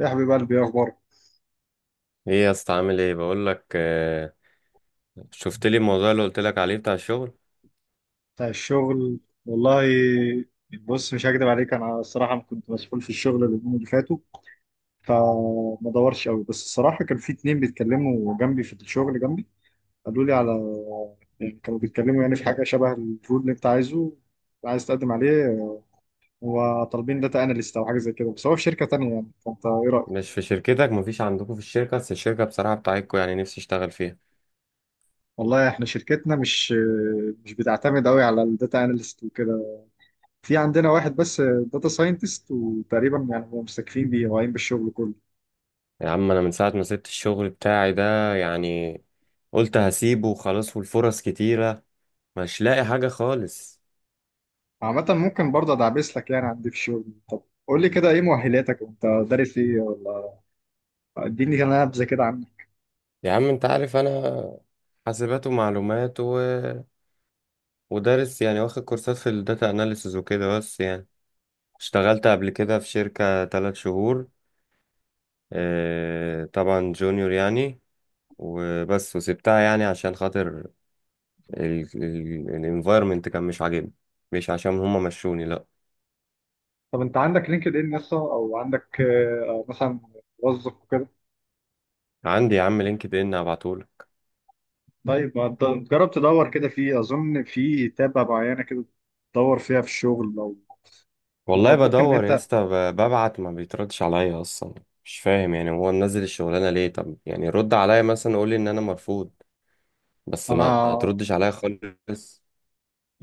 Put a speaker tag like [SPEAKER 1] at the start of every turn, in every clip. [SPEAKER 1] يا حبيب قلبي، ايه اخبارك؟
[SPEAKER 2] ايه يا اسطى؟ عامل ايه؟ بقول لك، شفت لي الموضوع اللي قلت لك عليه بتاع الشغل.
[SPEAKER 1] بتاع الشغل. والله، بص، مش هكدب عليك، انا الصراحه كنت مسؤول في الشغل اليومين اللي فاتوا، فما دورش قوي. بس الصراحه كان في اتنين بيتكلموا جنبي في الشغل جنبي، قالوا لي على... يعني كانوا بيتكلموا يعني في حاجه شبه الرول اللي انت عايزه، عايز تقدم عليه، وطالبين داتا اناليست او حاجه زي كده، بس هو في شركه تانيه يعني. فانت ايه رايك؟
[SPEAKER 2] مش في شركتك؟ مفيش عندكم في الشركه؟ بس الشركه بصراحه بتاعتكم، يعني نفسي اشتغل فيها.
[SPEAKER 1] والله احنا شركتنا مش بتعتمد قوي على الداتا اناليست وكده. في عندنا واحد بس داتا ساينتست، وتقريبا يعني هم مستكفين بيه، واقعين بالشغل كله.
[SPEAKER 2] يا عم انا من ساعه ما سبت الشغل بتاعي ده، يعني قلت هسيبه وخلاص، والفرص كتيره، مش لاقي حاجه خالص.
[SPEAKER 1] عامة ممكن برضه ادعبس لك يعني عندي في الشغل. طب قول لي كده، ايه مؤهلاتك وانت دارس ايه ولا؟ اديني كده نبذة كده عنك.
[SPEAKER 2] يا عم انت عارف، انا حاسبات ومعلومات ودارس، يعني واخد كورسات في الداتا اناليسز وكده. بس يعني اشتغلت قبل كده في شركة 3 شهور. اه طبعا جونيور يعني، وبس. وسبتها يعني عشان خاطر الانفايرمنت كان مش عاجبني، مش عشان هما مشوني، لا.
[SPEAKER 1] طب انت عندك لينكد ان يسطا، او عندك مثلا موظف وكده؟
[SPEAKER 2] عندي يا عم لينكد ان، هبعتهولك.
[SPEAKER 1] طيب ما تد- جرب تدور كده، فيه اظن في تابة معينة كده تدور فيها في الشغل لو... لا، او
[SPEAKER 2] والله
[SPEAKER 1] ممكن إن
[SPEAKER 2] بدور يا
[SPEAKER 1] انت...
[SPEAKER 2] اسطى، ببعت، ما بيتردش عليا اصلا. مش فاهم يعني هو منزل الشغلانه ليه؟ طب يعني رد عليا مثلا، قول لي ان انا مرفوض، بس ما
[SPEAKER 1] انا
[SPEAKER 2] تردش عليا خالص.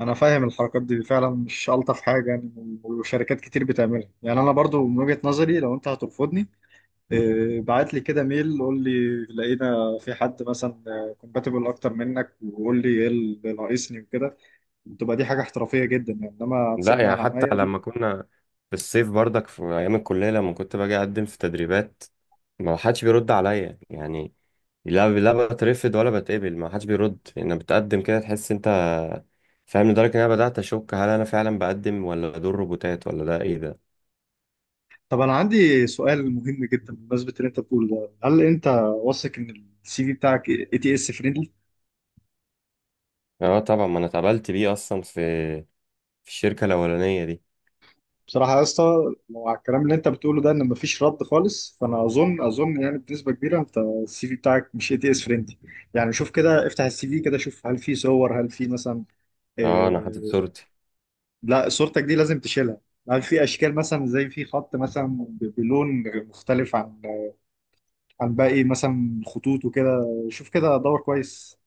[SPEAKER 1] انا فاهم الحركات دي، فعلا مش الطف حاجه يعني، وشركات كتير بتعملها. يعني انا برضو من وجهه نظري، لو انت هترفضني بعت لي كده ميل قول لي لقينا في حد مثلا كومباتبل اكتر منك، وقول لي ايه اللي ناقصني وكده، تبقى دي حاجه احترافيه جدا يعني. انما
[SPEAKER 2] لا
[SPEAKER 1] تسيبني
[SPEAKER 2] يعني،
[SPEAKER 1] على
[SPEAKER 2] حتى
[SPEAKER 1] عماية دي...
[SPEAKER 2] لما كنا في الصيف برضك، في ايام الكليه لما كنت باجي اقدم في تدريبات، ما حدش بيرد عليا يعني. لا، لا بترفض ولا بتقبل، ما حدش بيرد. انا بتقدم كده تحس انت فاهم، لدرجة ان انا بدأت اشك هل انا فعلا بقدم ولا دول روبوتات ولا ده ايه ده.
[SPEAKER 1] طب انا عندي سؤال مهم جدا بمناسبه اللي انت بتقوله ده، هل انت واثق ان السي في بتاعك اي تي اس فريندلي؟
[SPEAKER 2] اه طبعا، ما انا اتقبلت بيه اصلا في الشركة الاولانية دي.
[SPEAKER 1] بصراحة يا اسطى، لو على الكلام اللي انت بتقوله ده ان مفيش رد خالص، فانا اظن يعني بنسبة كبيرة انت السي في بتاعك مش اي تي اس فريندلي. يعني شوف كده، افتح السي في كده، شوف هل في صور، هل في مثلا...
[SPEAKER 2] اه انا حاطط
[SPEAKER 1] اه،
[SPEAKER 2] صورتي.
[SPEAKER 1] لا، صورتك دي لازم تشيلها. هل في اشكال مثلا، زي في خط مثلا بلون مختلف عن باقي مثلا خطوط وكده؟ شوف كده، دور كويس.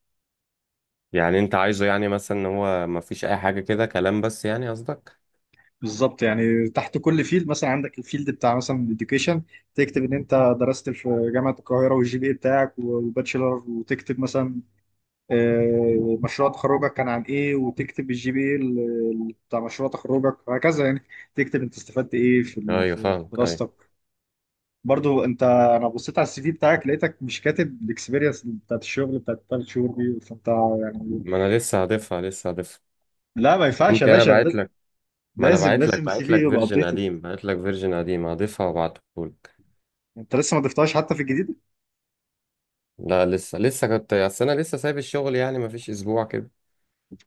[SPEAKER 2] يعني انت عايزه يعني مثلا ان هو ما فيش اي حاجة كده، كلام بس يعني، قصدك؟
[SPEAKER 1] بالظبط، يعني تحت كل فيلد، مثلا عندك الفيلد بتاع مثلا الاديوكيشن، تكتب ان انت درست في جامعه القاهره، والجي بي بتاعك، وباتشلر، وتكتب مثلا مشروع تخرجك كان عن ايه، وتكتب الجي بي بتاع مشروع تخرجك، وهكذا يعني. تكتب انت استفدت ايه في ال-
[SPEAKER 2] ايوه،
[SPEAKER 1] في في
[SPEAKER 2] فاهمك، ايوه.
[SPEAKER 1] دراستك. برضو انت، انا بصيت على السي في بتاعك، لقيتك مش كاتب الاكسبيرينس بتاعت الشغل بتاعت الثلاث شهور دي، فانت يعني...
[SPEAKER 2] ما انا لسه هضيفها.
[SPEAKER 1] لا، ما ينفعش يا
[SPEAKER 2] ممكن، انا
[SPEAKER 1] باشا،
[SPEAKER 2] بعت
[SPEAKER 1] لازم.
[SPEAKER 2] لك. ما انا
[SPEAKER 1] لازم
[SPEAKER 2] بعت لك
[SPEAKER 1] لازم السي
[SPEAKER 2] بعت
[SPEAKER 1] في
[SPEAKER 2] لك
[SPEAKER 1] يبقى
[SPEAKER 2] فيرجن
[SPEAKER 1] ابديتد.
[SPEAKER 2] قديم، بعت لك فيرجن قديم، هضيفها وابعته.
[SPEAKER 1] انت لسه ما ضفتهاش حتى في الجديد؟
[SPEAKER 2] لا، لسه كنت، اصل انا لسه سايب الشغل يعني، ما فيش اسبوع كده.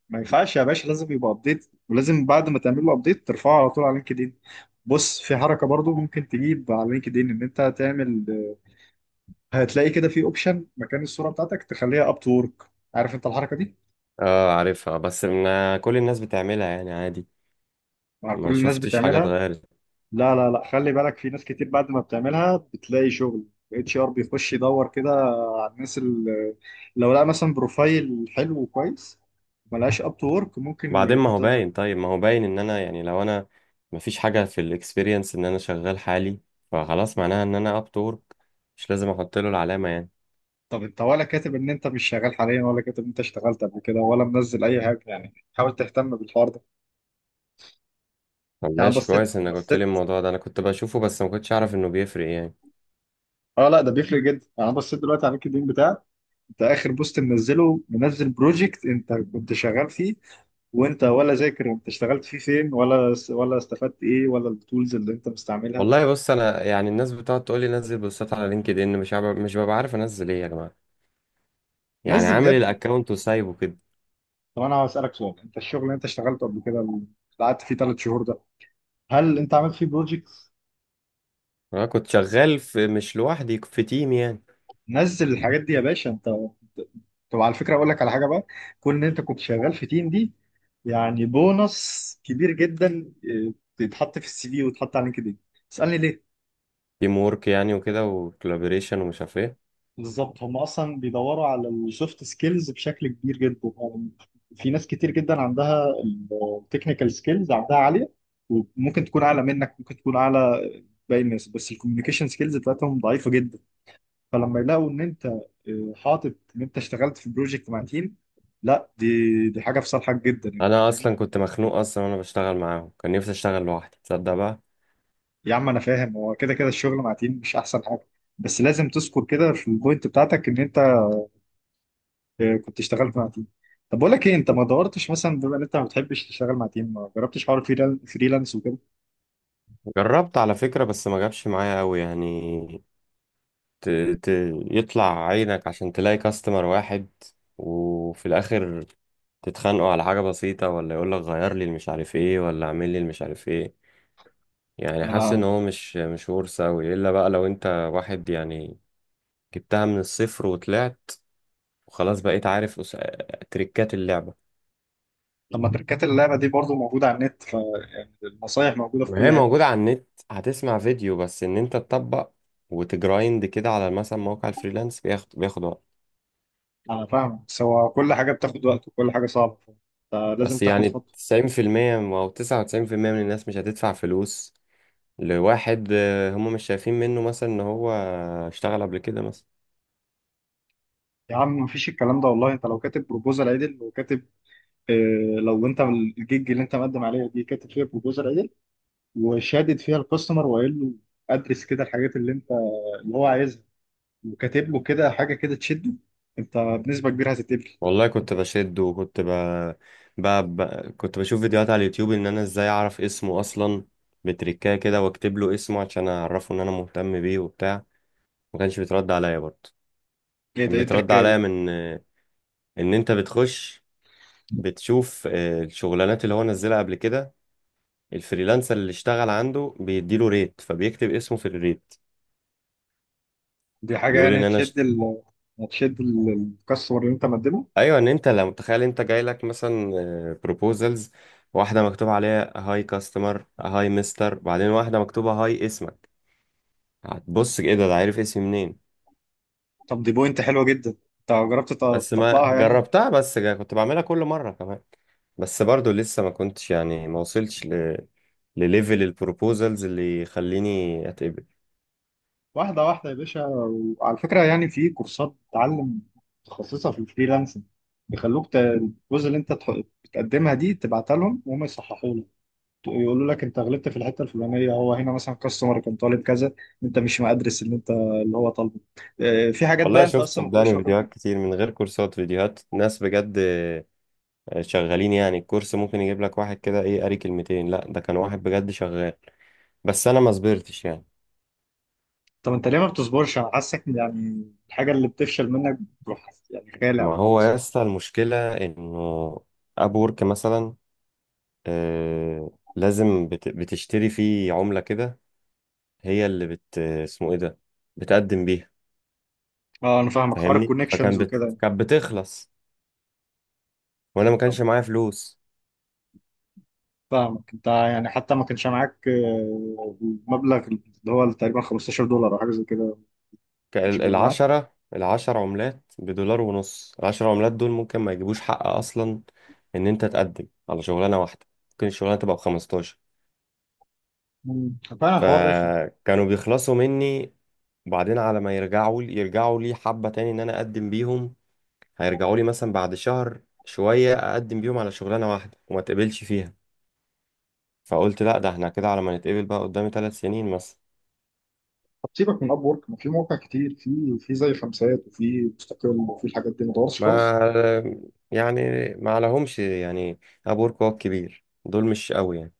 [SPEAKER 1] ما ينفعش يا باشا، لازم يبقى ابديت، ولازم بعد ما تعمل له ابديت ترفعه على طول على لينكدين. بص، في حركه برضو ممكن تجيب على لينكدين، ان انت هتعمل... هتلاقي كده في اوبشن مكان الصوره بتاعتك تخليها اب تو ورك. عارف انت الحركه دي؟
[SPEAKER 2] اه عارفها، بس من كل الناس بتعملها، يعني عادي،
[SPEAKER 1] مع
[SPEAKER 2] ما
[SPEAKER 1] كل الناس
[SPEAKER 2] شفتش حاجه
[SPEAKER 1] بتعملها.
[SPEAKER 2] اتغيرت.
[SPEAKER 1] لا، لا، لا، خلي بالك، في ناس كتير بعد ما بتعملها بتلاقي شغل. اتش ار بيخش يدور كده على الناس اللي... لو لقى مثلا بروفايل حلو وكويس ملهاش اب تو ورك ممكن
[SPEAKER 2] بعدين ما هو
[SPEAKER 1] يفض.
[SPEAKER 2] باين، طيب ما هو باين ان انا يعني، لو انا ما فيش حاجه في الاكسبيرينس ان انا شغال حالي، فخلاص معناها ان انا اب تورك، مش لازم احط له العلامه يعني.
[SPEAKER 1] طب انت ولا كاتب ان انت مش شغال حاليا، ولا كاتب ان انت اشتغلت قبل كده، ولا منزل اي حاجه؟ يعني حاول تهتم بالحوار ده.
[SPEAKER 2] طب
[SPEAKER 1] يعني
[SPEAKER 2] ماشي،
[SPEAKER 1] بصيت
[SPEAKER 2] كويس انك قلت لي
[SPEAKER 1] بصيت
[SPEAKER 2] الموضوع ده، انا كنت بشوفه بس ما كنتش اعرف انه بيفرق يعني.
[SPEAKER 1] اه، لا، ده بيفرق جدا يعني. انا بصيت دلوقتي على اللينكد ان بتاعك، انت اخر بوست منزله، منزل بروجكت انت كنت شغال فيه، وانت ولا ذاكر انت اشتغلت فيه فين، ولا استفدت ايه، ولا التولز اللي انت مستعملها.
[SPEAKER 2] والله بص، انا يعني، الناس بتقعد تقول لي نزل بوستات على لينكد ان، مش ببقى عارف انزل ايه يا جماعه، يعني
[SPEAKER 1] نزل ده يا
[SPEAKER 2] عامل
[SPEAKER 1] ابني.
[SPEAKER 2] الاكونت وسايبه كده.
[SPEAKER 1] طب انا هسالك سؤال، انت الشغل اللي انت اشتغلته قبل كده، اللي قعدت فيه 3 شهور ده، هل انت عملت فيه بروجكت؟
[SPEAKER 2] انا كنت شغال في، مش لوحدي، في تيم يعني.
[SPEAKER 1] نزل الحاجات دي يا باشا. انت طب على فكره، اقول لك على حاجه بقى، كون ان انت كنت شغال في تيم دي يعني بونص كبير جدا. اه، بيتحط في السي في ويتحط على لينكدين. تسالني ليه؟
[SPEAKER 2] تيم وورك يعني وكده، وكولابوريشن ومش عارف ايه.
[SPEAKER 1] بالظبط، هم اصلا بيدوروا على السوفت سكيلز بشكل كبير جدا يعني. في ناس كتير جدا عندها التكنيكال سكيلز عندها عاليه، وممكن تكون اعلى منك، ممكن تكون اعلى باقي الناس، بس الكوميونيكيشن سكيلز بتاعتهم ضعيفه جدا. فلما يلاقوا ان انت حاطط ان انت اشتغلت في بروجكت مع تيم، لا، دي حاجه في صالحك جدا يعني،
[SPEAKER 2] انا
[SPEAKER 1] فاهمني؟
[SPEAKER 2] اصلا كنت مخنوق اصلا وانا بشتغل معاهم، كان نفسي اشتغل لوحدي تصدق بقى.
[SPEAKER 1] يا عم انا فاهم، هو كده كده الشغل مع تيم مش احسن حاجه، بس لازم تذكر كده في البوينت بتاعتك ان انت كنت اشتغلت مع تيم. طب بقول لك ايه، انت ما دورتش مثلا، بما ان انت ما بتحبش تشتغل مع تيم، ما جربتش حوار فريلانس وكده؟
[SPEAKER 2] جربت على فكرة، بس ما جابش معايا قوي يعني. ت... ت... يطلع عينك عشان تلاقي كاستمر واحد، وفي الاخر تتخانقوا على حاجة بسيطة، ولا يقول لك غير لي المش عارف ايه، ولا اعمل لي المش عارف ايه، يعني حاسس ان
[SPEAKER 1] انا
[SPEAKER 2] هو مش ورثة قوي، الا بقى لو انت واحد يعني جبتها من الصفر وطلعت، وخلاص بقيت عارف تريكات اللعبة.
[SPEAKER 1] لما تركات اللعبه دي برضو موجوده على النت، فالنصايح موجوده في
[SPEAKER 2] ما هي
[SPEAKER 1] كل حته.
[SPEAKER 2] موجودة على النت، هتسمع فيديو، بس ان انت تطبق وتجرايند كده على مثلا موقع الفريلانس بياخد وقت.
[SPEAKER 1] انا فاهم، بس هو كل حاجه بتاخد وقت وكل حاجه صعبه، فلازم
[SPEAKER 2] بس
[SPEAKER 1] تاخد
[SPEAKER 2] يعني
[SPEAKER 1] خطوه.
[SPEAKER 2] 90% او 99% من الناس مش هتدفع فلوس لواحد، هم مش شايفين منه مثلا ان هو اشتغل قبل كده مثلا.
[SPEAKER 1] يا عم مفيش الكلام ده، والله انت لو كاتب بروبوزال عدل، وكاتب... اه لو انت الجيج اللي انت مقدم عليها دي كاتب فيها بروبوزال عدل، وشادد فيها الكاستمر، وقايل له ادرس كده الحاجات اللي انت... اللي هو عايزها، وكاتب له كده حاجه كده تشده، انت بنسبه كبيره هتتقبل.
[SPEAKER 2] والله كنت بشد، وكنت ب... ب... ب... كنت بشوف فيديوهات على اليوتيوب ان انا ازاي اعرف اسمه اصلا، بتريكاه كده واكتب له اسمه عشان اعرفه ان انا مهتم بيه وبتاع. ما كانش بيترد عليا برضه.
[SPEAKER 1] ايه ده،
[SPEAKER 2] كان
[SPEAKER 1] ايه
[SPEAKER 2] بيترد
[SPEAKER 1] التركايه
[SPEAKER 2] عليا
[SPEAKER 1] دي؟
[SPEAKER 2] من ان انت بتخش، بتشوف الشغلانات اللي هو نزلها قبل كده، الفريلانسر اللي اشتغل عنده بيديله ريت، فبيكتب اسمه في الريت.
[SPEAKER 1] دي حاجه
[SPEAKER 2] بيقول
[SPEAKER 1] يعني
[SPEAKER 2] ان انا
[SPEAKER 1] هتشد ال... هتشد ال- الكاستمر اللي انت مقدمه.
[SPEAKER 2] ايوه، ان انت لو متخيل انت جاي لك مثلا بروبوزلز، واحده مكتوب عليها هاي كاستمر هاي مستر، بعدين واحده مكتوبه هاي اسمك، هتبص ايه ده، ده عارف اسمي منين؟
[SPEAKER 1] طب دي بوينت حلوه جدا، انت جربت
[SPEAKER 2] بس ما
[SPEAKER 1] تطبقها يعني؟
[SPEAKER 2] جربتها، بس كنت بعملها كل مرة كمان، بس برضو لسه ما كنتش يعني، ما وصلتش لليفل البروبوزلز اللي يخليني اتقبل.
[SPEAKER 1] واحدة واحدة يا باشا. وعلى فكرة، يعني في كورسات تعلم متخصصة في الفريلانسنج، بيخلوك الجزء اللي انت بتقدمها دي تبعتها لهم، وهم يصححوا لك، يقولوا لك انت غلطت في الحتة الفلانية، هو هنا مثلا كاستمر كان طالب كذا، انت مش مقدرس اللي انت... اللي هو طالبه. اه، في حاجات بقى
[SPEAKER 2] والله
[SPEAKER 1] انت
[SPEAKER 2] شفت
[SPEAKER 1] اصلا ما بتبقاش
[SPEAKER 2] صدقني
[SPEAKER 1] واخد بالك.
[SPEAKER 2] فيديوهات كتير من غير كورسات، فيديوهات ناس بجد شغالين يعني. الكورس ممكن يجيب لك واحد كده ايه، قاري كلمتين، لا ده كان واحد بجد شغال، بس انا ما صبرتش يعني.
[SPEAKER 1] طب انت ليه ما بتصبرش؟ انا حاسك يعني الحاجة اللي بتفشل منك بتروح يعني غالي
[SPEAKER 2] ما
[SPEAKER 1] او
[SPEAKER 2] هو يا
[SPEAKER 1] خلاص.
[SPEAKER 2] اسطى المشكلة انه اب وورك مثلا، آه لازم بتشتري فيه عملة كده، هي اللي اسمه ايه ده، بتقدم بيها.
[SPEAKER 1] اه انا فاهمك، حوار
[SPEAKER 2] فاهمني،
[SPEAKER 1] الكونكشنز
[SPEAKER 2] فكان
[SPEAKER 1] وكده.
[SPEAKER 2] كانت بتخلص، وانا ما كانش معايا فلوس.
[SPEAKER 1] فاهمك، انت يعني حتى ما كانش معاك المبلغ اللي هو تقريبا $15 او حاجه زي كده، ما كانش بيبقى معاك.
[SPEAKER 2] العشر عملات بدولار ونص، العشر عملات دول ممكن ما يجيبوش حق اصلا ان انت تقدم على شغلانة واحدة، ممكن الشغلانة تبقى بـ15.
[SPEAKER 1] فعلا الحوار رخم.
[SPEAKER 2] فكانوا بيخلصوا مني، وبعدين على ما يرجعوا لي، حبة تاني ان انا اقدم بيهم، هيرجعوا لي مثلا بعد شهر شوية اقدم بيهم على شغلانة واحدة وما تقبلش فيها، فقلت لا، ده احنا كده على ما نتقبل بقى قدامي 3 سنين مثلا.
[SPEAKER 1] طب سيبك من اب ورك، ما في مواقع كتير، في زي خمسات، وفي مستقل، وفي الحاجات دي، ما دورش خالص.
[SPEAKER 2] ما يعني ما عليهمش يعني، ابورك هو الكبير، دول مش قوي يعني.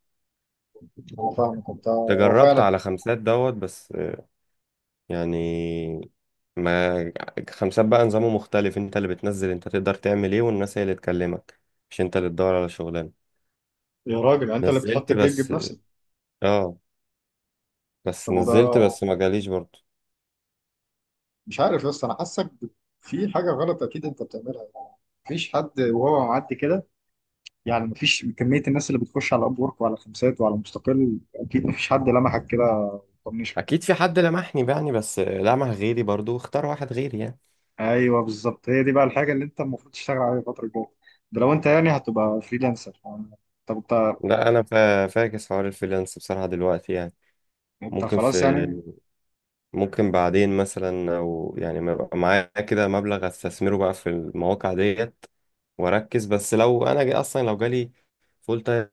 [SPEAKER 1] هو فاهمك، انت هو
[SPEAKER 2] تجربت
[SPEAKER 1] فعلا...
[SPEAKER 2] على خمسات دوت بس يعني، ما خمسات بقى نظامه مختلف، انت اللي بتنزل انت تقدر تعمل ايه، والناس هي اللي تكلمك، مش انت اللي تدور على شغلانه.
[SPEAKER 1] يا راجل انت اللي بتحط
[SPEAKER 2] نزلت
[SPEAKER 1] الجيج
[SPEAKER 2] بس،
[SPEAKER 1] بنفسك.
[SPEAKER 2] اه بس
[SPEAKER 1] طب
[SPEAKER 2] نزلت،
[SPEAKER 1] وده...
[SPEAKER 2] بس ما جاليش برضه.
[SPEAKER 1] مش عارف، بس انا حاسك في حاجه غلط اكيد انت بتعملها يعني. مفيش حد وهو معدي كده، يعني مفيش كميه الناس اللي بتخش على اب ورك، وعلى خمسات، وعلى مستقل، اكيد مفيش حد لمحك كده.
[SPEAKER 2] اكيد في حد لمحني يعني، بس لمح غيري برضه، اختار واحد غيري يعني.
[SPEAKER 1] ايوه بالظبط، هي دي بقى الحاجه اللي انت المفروض تشتغل عليها الفتره الجايه، ده لو انت يعني هتبقى فريلانسر. طب انت...
[SPEAKER 2] لا انا فاكس حوار الفريلانس بصراحه دلوقتي يعني.
[SPEAKER 1] انت
[SPEAKER 2] ممكن في
[SPEAKER 1] خلاص يعني؟
[SPEAKER 2] ممكن بعدين مثلا، او يعني ما يبقى معايا كده مبلغ استثمره بقى في المواقع ديت، واركز بس. لو انا جاي اصلا، لو جالي فول تايم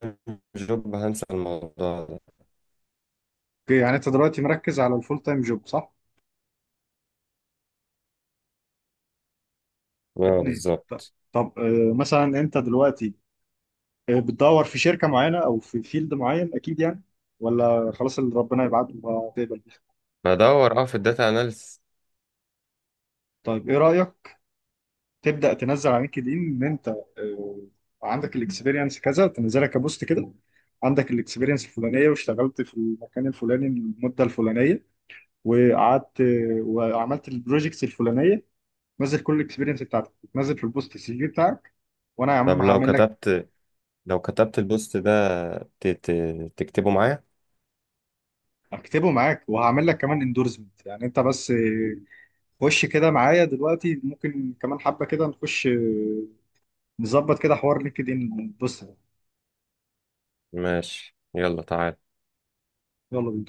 [SPEAKER 2] جوب، هنسى الموضوع ده.
[SPEAKER 1] اوكي، يعني انت دلوقتي مركز على الفول تايم جوب صح؟ يا
[SPEAKER 2] اه
[SPEAKER 1] ابني
[SPEAKER 2] بالظبط.
[SPEAKER 1] طب مثلا انت دلوقتي بتدور في شركه معينه، او في فيلد معين، اكيد يعني؟ ولا خلاص اللي ربنا يبعته هتقبل بيه؟
[SPEAKER 2] بدور، اه، في الداتا اناليسيس.
[SPEAKER 1] طيب ايه رايك تبدا تنزل على لينكد ان ان انت آه، عندك الاكسبيرينس كذا، تنزلها كبوست كده، عندك الاكسبيرينس الفلانيه، واشتغلت في المكان الفلاني المده الفلانيه، وقعدت وعملت البروجيكتس الفلانيه. نزل كل الاكسبيرينس بتاعتك، نزل في البوست السي في بتاعك، وانا يا
[SPEAKER 2] طب
[SPEAKER 1] عم هعمل لك...
[SPEAKER 2] لو كتبت البوست ده، تكتبه معايا؟
[SPEAKER 1] اكتبه معاك، وهعمل لك كمان اندورسمنت، يعني انت بس خش كده معايا دلوقتي، ممكن كمان حبه كده نخش نظبط كده حوار لينكد ان، بص ده.
[SPEAKER 2] ماشي، يلا تعال.
[SPEAKER 1] يلا بينا.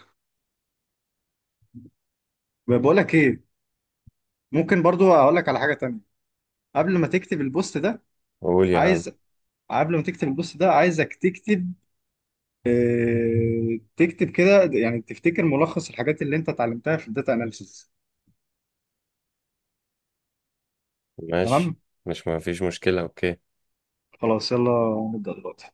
[SPEAKER 1] بقول لك ايه، ممكن برضو اقول لك على حاجه تانية قبل ما تكتب البوست ده.
[SPEAKER 2] قول يا عم.
[SPEAKER 1] عايز قبل ما تكتب البوست ده عايزك تكتب تكتب كده يعني تفتكر ملخص الحاجات اللي انت اتعلمتها في الداتا اناليسيس. تمام؟
[SPEAKER 2] ماشي، مش ما فيش مشكله، اوكي.
[SPEAKER 1] خلاص يلا، نبدأ دلوقتي.